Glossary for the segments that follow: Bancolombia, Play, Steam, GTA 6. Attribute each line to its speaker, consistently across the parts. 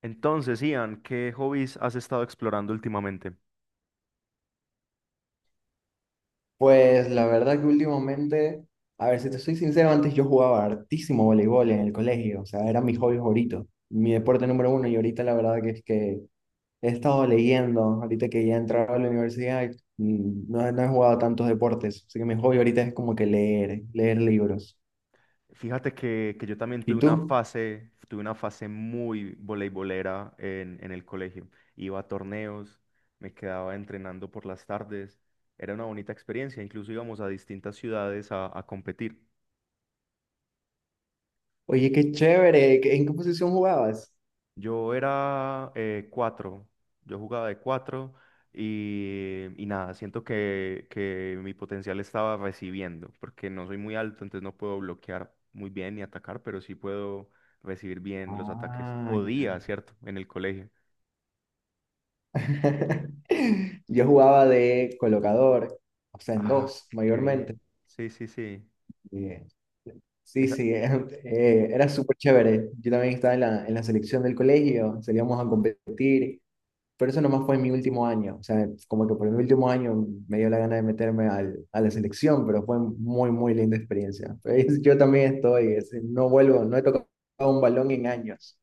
Speaker 1: Entonces, Ian, ¿qué hobbies has estado explorando últimamente?
Speaker 2: Pues la verdad que últimamente, a ver, si te soy sincero, antes yo jugaba hartísimo voleibol en el colegio, o sea, era mi hobby favorito, mi deporte número uno, y ahorita la verdad que es que he estado leyendo, ahorita que ya he entrado a la universidad, no, no he jugado tantos deportes, así que mi hobby ahorita es como que leer, leer libros.
Speaker 1: Fíjate que yo también
Speaker 2: ¿Y tú?
Speaker 1: tuve una fase muy voleibolera en el colegio. Iba a torneos, me quedaba entrenando por las tardes. Era una bonita experiencia, incluso íbamos a distintas ciudades a competir.
Speaker 2: Oye, qué chévere, ¿en qué posición jugabas?
Speaker 1: Yo era cuatro, yo jugaba de cuatro y nada, siento que mi potencial estaba recibiendo, porque no soy muy alto, entonces no puedo bloquear muy bien ni atacar, pero sí puedo recibir bien los ataques.
Speaker 2: Ah, ya.
Speaker 1: Podía, ¿cierto? En el colegio.
Speaker 2: Yo jugaba de colocador, o sea, en
Speaker 1: Ah,
Speaker 2: dos,
Speaker 1: qué
Speaker 2: mayormente.
Speaker 1: bien. Sí, sí, sí.
Speaker 2: Eh, Sí, sí, era súper chévere. Yo también estaba en en la selección del colegio, salíamos a competir, pero eso nomás fue en mi último año. O sea, como que por mi último año me dio la gana de meterme a la selección, pero fue muy, muy linda experiencia. Pues, yo también estoy, no vuelvo, no he tocado un balón en años.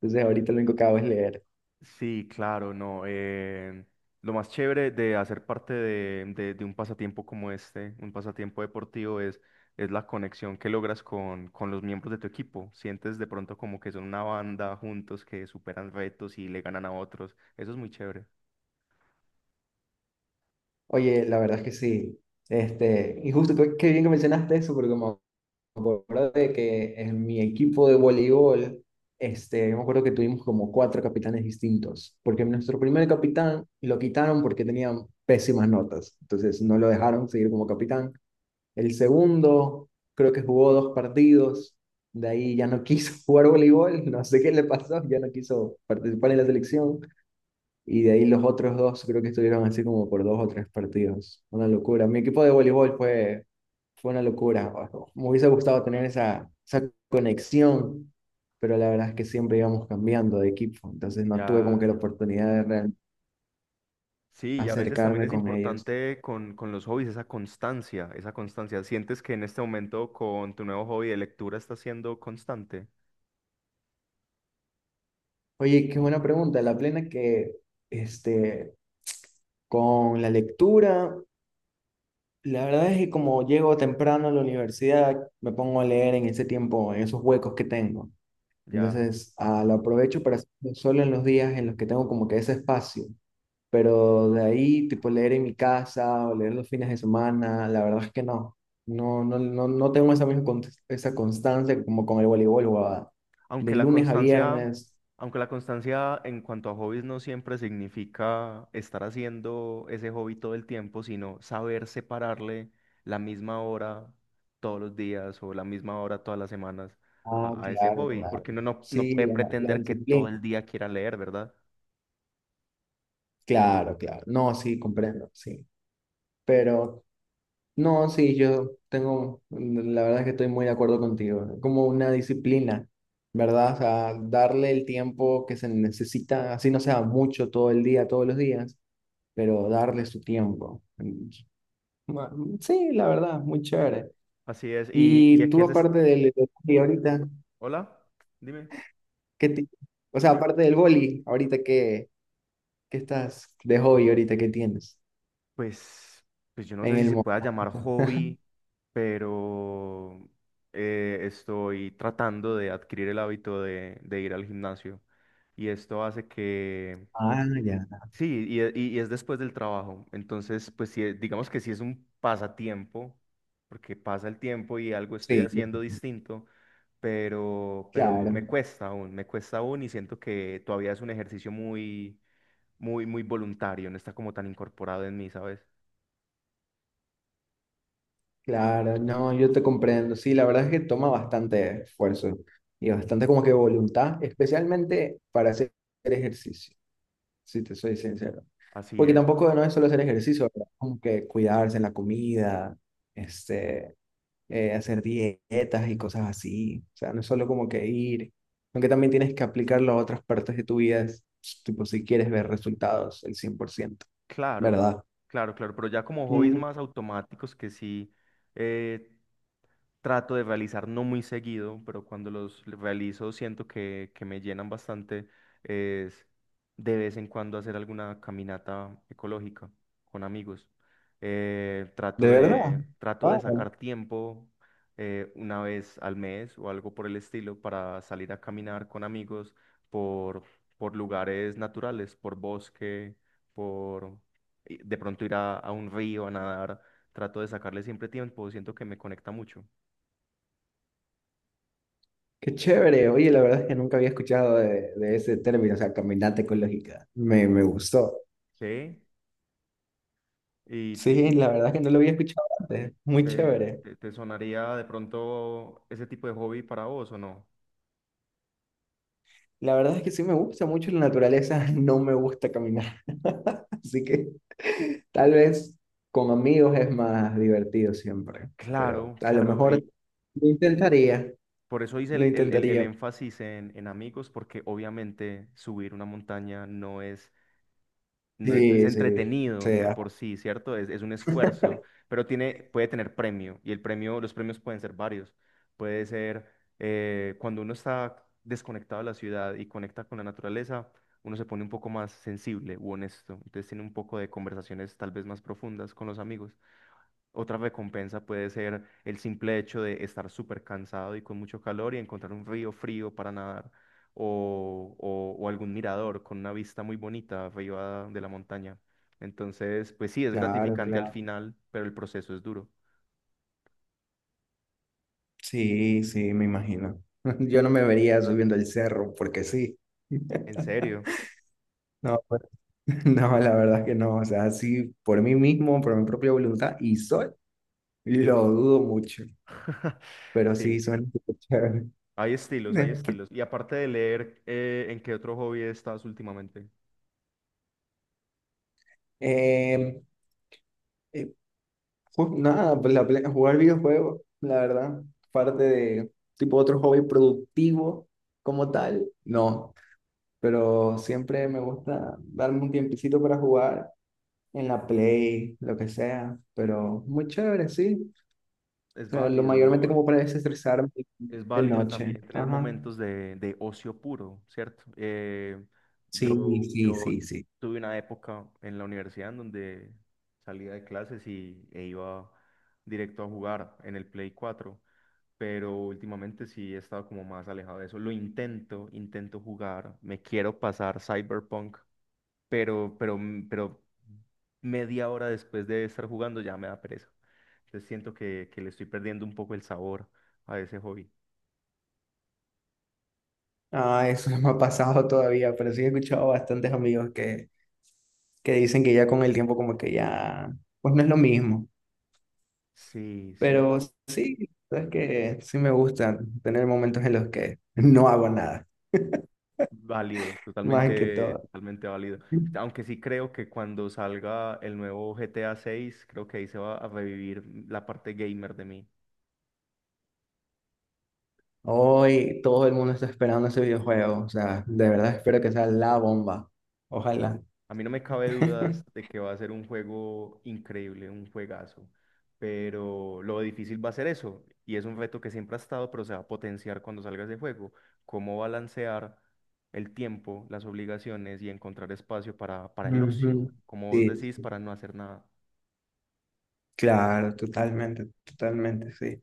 Speaker 2: Entonces ahorita lo único que hago es leer.
Speaker 1: Sí, claro, no. Lo más chévere de hacer parte de un pasatiempo como este, un pasatiempo deportivo, es la conexión que logras con los miembros de tu equipo. Sientes de pronto como que son una banda juntos que superan retos y le ganan a otros. Eso es muy chévere.
Speaker 2: Oye, la verdad es que sí. Este, y justo qué bien que mencionaste eso, porque como acuerdo de que en mi equipo de voleibol, este, yo me acuerdo que tuvimos como cuatro capitanes distintos, porque nuestro primer capitán lo quitaron porque tenía pésimas notas, entonces no lo dejaron seguir como capitán. El segundo creo que jugó dos partidos, de ahí ya no quiso jugar voleibol, no sé qué le pasó, ya no quiso participar en la selección. Y de ahí los otros dos creo que estuvieron así como por dos o tres partidos. Una locura. Mi equipo de voleibol fue una locura. Me hubiese gustado tener esa conexión, pero la verdad es que siempre íbamos cambiando de equipo. Entonces no tuve como
Speaker 1: Ya,
Speaker 2: que la
Speaker 1: ya.
Speaker 2: oportunidad de
Speaker 1: Sí, y a veces también
Speaker 2: acercarme
Speaker 1: es
Speaker 2: con ellos.
Speaker 1: importante con los hobbies esa constancia, esa constancia. ¿Sientes que en este momento con tu nuevo hobby de lectura estás siendo constante?
Speaker 2: Oye, qué buena pregunta. La plena que este, con la lectura, la verdad es que como llego temprano a la universidad, me pongo a leer en ese tiempo, en esos huecos que tengo.
Speaker 1: Ya.
Speaker 2: Entonces, lo aprovecho para hacerlo solo en los días en los que tengo como que ese espacio. Pero de ahí, tipo leer en mi casa o leer los fines de semana, la verdad es que no. No, no, no, no tengo esa misma esa constancia como con el voleibol, huevada. De
Speaker 1: Aunque la
Speaker 2: lunes a
Speaker 1: constancia,
Speaker 2: viernes.
Speaker 1: aunque la constancia en cuanto a hobbies no siempre significa estar haciendo ese hobby todo el tiempo, sino saber separarle la misma hora todos los días o la misma hora todas las semanas
Speaker 2: Ah,
Speaker 1: a ese
Speaker 2: claro,
Speaker 1: hobby,
Speaker 2: claro.
Speaker 1: porque uno no, no
Speaker 2: Sí,
Speaker 1: puede
Speaker 2: la
Speaker 1: pretender que todo
Speaker 2: disciplina.
Speaker 1: el día quiera leer, ¿verdad?
Speaker 2: Claro, claro. No, sí, comprendo, sí. Pero no, sí, yo tengo, la verdad es que estoy muy de acuerdo contigo, como una disciplina, ¿verdad? O sea, darle el tiempo que se necesita, así no sea mucho todo el día, todos los días, pero darle su tiempo. Ma- Sí, la verdad, muy chévere.
Speaker 1: Así es. Y a
Speaker 2: Y
Speaker 1: qué
Speaker 2: tú
Speaker 1: haces?
Speaker 2: aparte del hobby ahorita,
Speaker 1: Hola, dime.
Speaker 2: ¿qué ti- o sea, aparte del boli, qué estás de hobby ahorita qué tienes
Speaker 1: Pues, pues yo no sé
Speaker 2: en
Speaker 1: si
Speaker 2: el
Speaker 1: se pueda
Speaker 2: momento?
Speaker 1: llamar hobby, pero estoy tratando de adquirir el hábito de ir al gimnasio. Y esto hace que,
Speaker 2: Ah, ya.
Speaker 1: sí, y es después del trabajo. Entonces, pues sí, digamos que sí es un pasatiempo, porque pasa el tiempo y algo estoy
Speaker 2: Sí,
Speaker 1: haciendo distinto, pero
Speaker 2: claro.
Speaker 1: me cuesta aún y siento que todavía es un ejercicio muy, muy, muy voluntario, no está como tan incorporado en mí, ¿sabes?
Speaker 2: Claro, no, yo te comprendo. Sí, la verdad es que toma bastante esfuerzo y bastante como que voluntad, especialmente para hacer ejercicio, si te soy sincero.
Speaker 1: Así
Speaker 2: Porque
Speaker 1: es.
Speaker 2: tampoco no es solo hacer ejercicio, ¿verdad? Como que cuidarse en la comida, este, hacer dietas y cosas así. O sea, no es solo como que ir, aunque también tienes que aplicarlo a otras partes de tu vida, tipo si quieres ver resultados el 100%,
Speaker 1: Claro,
Speaker 2: ¿verdad?
Speaker 1: claro, claro, pero ya como hobbies
Speaker 2: Ujú.
Speaker 1: más automáticos que sí, eh, trato de realizar no muy seguido, pero cuando los realizo siento que me llenan bastante, es de vez en cuando hacer alguna caminata ecológica con amigos.
Speaker 2: ¿De
Speaker 1: Trato
Speaker 2: verdad?
Speaker 1: de, trato de sacar
Speaker 2: Wow.
Speaker 1: tiempo una vez al mes o algo por el estilo para salir a caminar con amigos por, por lugares naturales, por bosque, por y de pronto ir a un río a nadar. Trato de sacarle siempre tiempo, siento que me conecta mucho.
Speaker 2: Qué chévere. Oye, la verdad es que nunca había escuchado de ese término, o sea, caminata ecológica. Me gustó.
Speaker 1: Sí, y,
Speaker 2: Sí,
Speaker 1: y
Speaker 2: la verdad es que no lo había escuchado antes. Muy
Speaker 1: te,
Speaker 2: chévere.
Speaker 1: te sonaría de pronto ese tipo de hobby para vos o no?
Speaker 2: La verdad es que sí me gusta mucho la naturaleza, no me gusta caminar. Así que tal vez con amigos es más divertido siempre, pero
Speaker 1: Claro,
Speaker 2: a lo
Speaker 1: claro,
Speaker 2: mejor
Speaker 1: y
Speaker 2: lo intentaría,
Speaker 1: por eso hice
Speaker 2: lo
Speaker 1: el
Speaker 2: intentaría.
Speaker 1: énfasis en amigos, porque obviamente subir una montaña no es no es, no es
Speaker 2: Sí, sí,
Speaker 1: entretenido de
Speaker 2: sea.
Speaker 1: por sí, ¿cierto? Es un esfuerzo, pero tiene, puede tener premio y el premio, los premios pueden ser varios. Puede ser cuando uno está desconectado de la ciudad y conecta con la naturaleza, uno se pone un poco más sensible u honesto. Entonces tiene un poco de conversaciones tal vez más profundas con los amigos. Otra recompensa puede ser el simple hecho de estar súper cansado y con mucho calor y encontrar un río frío para nadar o, o algún mirador con una vista muy bonita arriba de la montaña. Entonces, pues sí, es
Speaker 2: Claro,
Speaker 1: gratificante al
Speaker 2: claro.
Speaker 1: final, pero el proceso es duro.
Speaker 2: Sí, sí, me imagino. Yo no me vería subiendo el cerro porque sí.
Speaker 1: ¿En serio?
Speaker 2: No, pues, no, la verdad que no. O sea, sí, por mí mismo, por mi propia voluntad y sol, lo dudo mucho. Pero sí,
Speaker 1: Sí,
Speaker 2: suena súper chévere.
Speaker 1: hay estilos, hay estilos. Y aparte de leer, ¿en qué otro hobby estás últimamente?
Speaker 2: Eh, eh, nada, pues jugar videojuegos, la verdad, parte de tipo otro hobby productivo como tal, no. Pero siempre me gusta darme un tiempecito para jugar en la Play, lo que sea, pero muy chévere, sí. O
Speaker 1: Es
Speaker 2: sea, lo
Speaker 1: válido,
Speaker 2: mayormente
Speaker 1: ¿no?
Speaker 2: como para desestresarme
Speaker 1: Es
Speaker 2: de
Speaker 1: válido
Speaker 2: noche.
Speaker 1: también tener
Speaker 2: Ajá.
Speaker 1: momentos de ocio puro, ¿cierto?
Speaker 2: Sí, sí,
Speaker 1: Yo
Speaker 2: sí, sí.
Speaker 1: tuve una época en la universidad en donde salía de clases y, e iba directo a jugar en el Play cuatro, pero últimamente sí he estado como más alejado de eso. Lo intento, intento jugar, me quiero pasar Cyberpunk, pero, pero media hora después de estar jugando ya me da pereza. Entonces siento que le estoy perdiendo un poco el sabor a ese hobby.
Speaker 2: Ah, eso no me ha pasado todavía, pero sí he escuchado bastantes amigos que dicen que ya con el tiempo como que ya, pues no es lo mismo.
Speaker 1: Sí, sí,
Speaker 2: Pero sí, es que sí me gusta tener momentos en los que no hago nada,
Speaker 1: válido,
Speaker 2: más que
Speaker 1: totalmente,
Speaker 2: todo.
Speaker 1: totalmente válido. Aunque sí creo que cuando salga el nuevo GTA 6, creo que ahí se va a revivir la parte gamer de mí.
Speaker 2: Hoy todo el mundo está esperando ese videojuego, o sea, de verdad espero que sea la bomba. Ojalá.
Speaker 1: A mí no me cabe dudas de que va a ser un juego increíble, un juegazo, pero lo difícil va a ser eso, y es un reto que siempre ha estado, pero se va a potenciar cuando salga ese juego. Cómo balancear el tiempo, las obligaciones y encontrar espacio para el ocio,
Speaker 2: Ujú.
Speaker 1: como vos
Speaker 2: Sí,
Speaker 1: decís, para no hacer nada.
Speaker 2: claro, totalmente, totalmente, sí.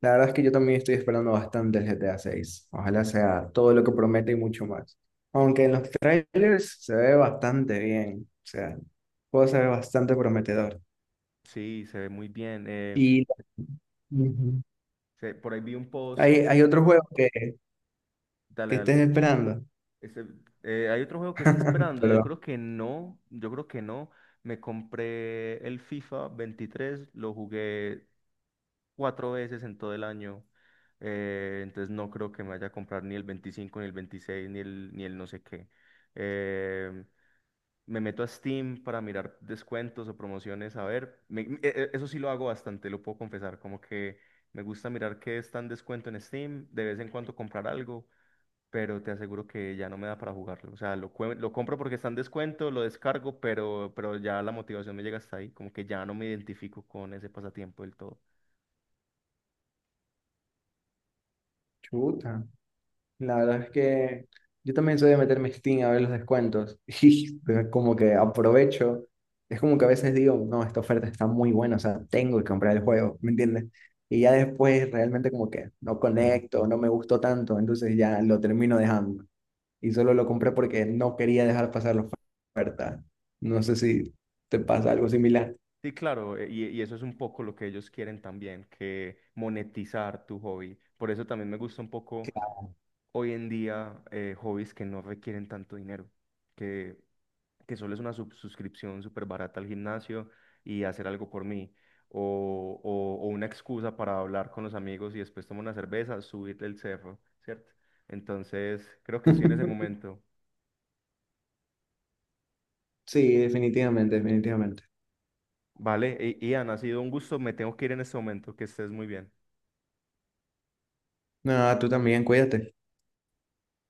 Speaker 2: La verdad es que yo también estoy esperando bastante el GTA 6. Ojalá sea todo lo que promete y mucho más. Aunque en los trailers se ve bastante bien, o sea, el juego se ve bastante prometedor.
Speaker 1: Sí, se ve muy bien.
Speaker 2: Y ujú,
Speaker 1: Sí, por ahí vi un post.
Speaker 2: hay otro juego
Speaker 1: Dale,
Speaker 2: que estés
Speaker 1: dale.
Speaker 2: esperando.
Speaker 1: Ese- Hay otro juego que está esperando. Yo
Speaker 2: Perdón.
Speaker 1: creo que no. Yo creo que no. Me compré el FIFA 23. Lo jugué cuatro veces en todo el año. Entonces no creo que me vaya a comprar ni el 25, ni el 26, ni el, ni el no sé qué. Eh, Me meto a Steam para mirar descuentos o promociones. A ver, eso sí lo hago bastante, lo puedo confesar. Como que me gusta mirar qué está en descuento en Steam. De vez en cuando comprar algo, pero te aseguro que ya no me da para jugarlo. O sea, lo, lo compro porque está en descuento, lo descargo, pero ya la motivación me llega hasta ahí, como que ya no me identifico con ese pasatiempo del todo.
Speaker 2: Chuta. La verdad es que yo también soy de meterme en Steam a ver los descuentos y como que aprovecho. Es como que a veces digo, no, esta oferta está muy buena, o sea, tengo que comprar el juego, ¿me entiendes? Y ya después realmente como que no conecto, no me gustó tanto, entonces ya lo termino dejando. Y solo lo compré porque no quería dejar pasar la oferta. No sé si te pasa algo similar.
Speaker 1: Sí, claro, y eso es un poco lo que ellos quieren también, que monetizar tu hobby. Por eso también me gusta un poco hoy en día hobbies que no requieren tanto dinero, que, que solo es una suscripción súper barata al gimnasio y hacer algo por mí, o una excusa para hablar con los amigos y después tomar una cerveza, subir el cerro, ¿cierto? Entonces, creo que estoy en ese momento.
Speaker 2: Sí, definitivamente, definitivamente.
Speaker 1: Vale, Ian, ha sido un gusto, me tengo que ir en este momento, que estés muy bien.
Speaker 2: Nada, tú también, cuídate.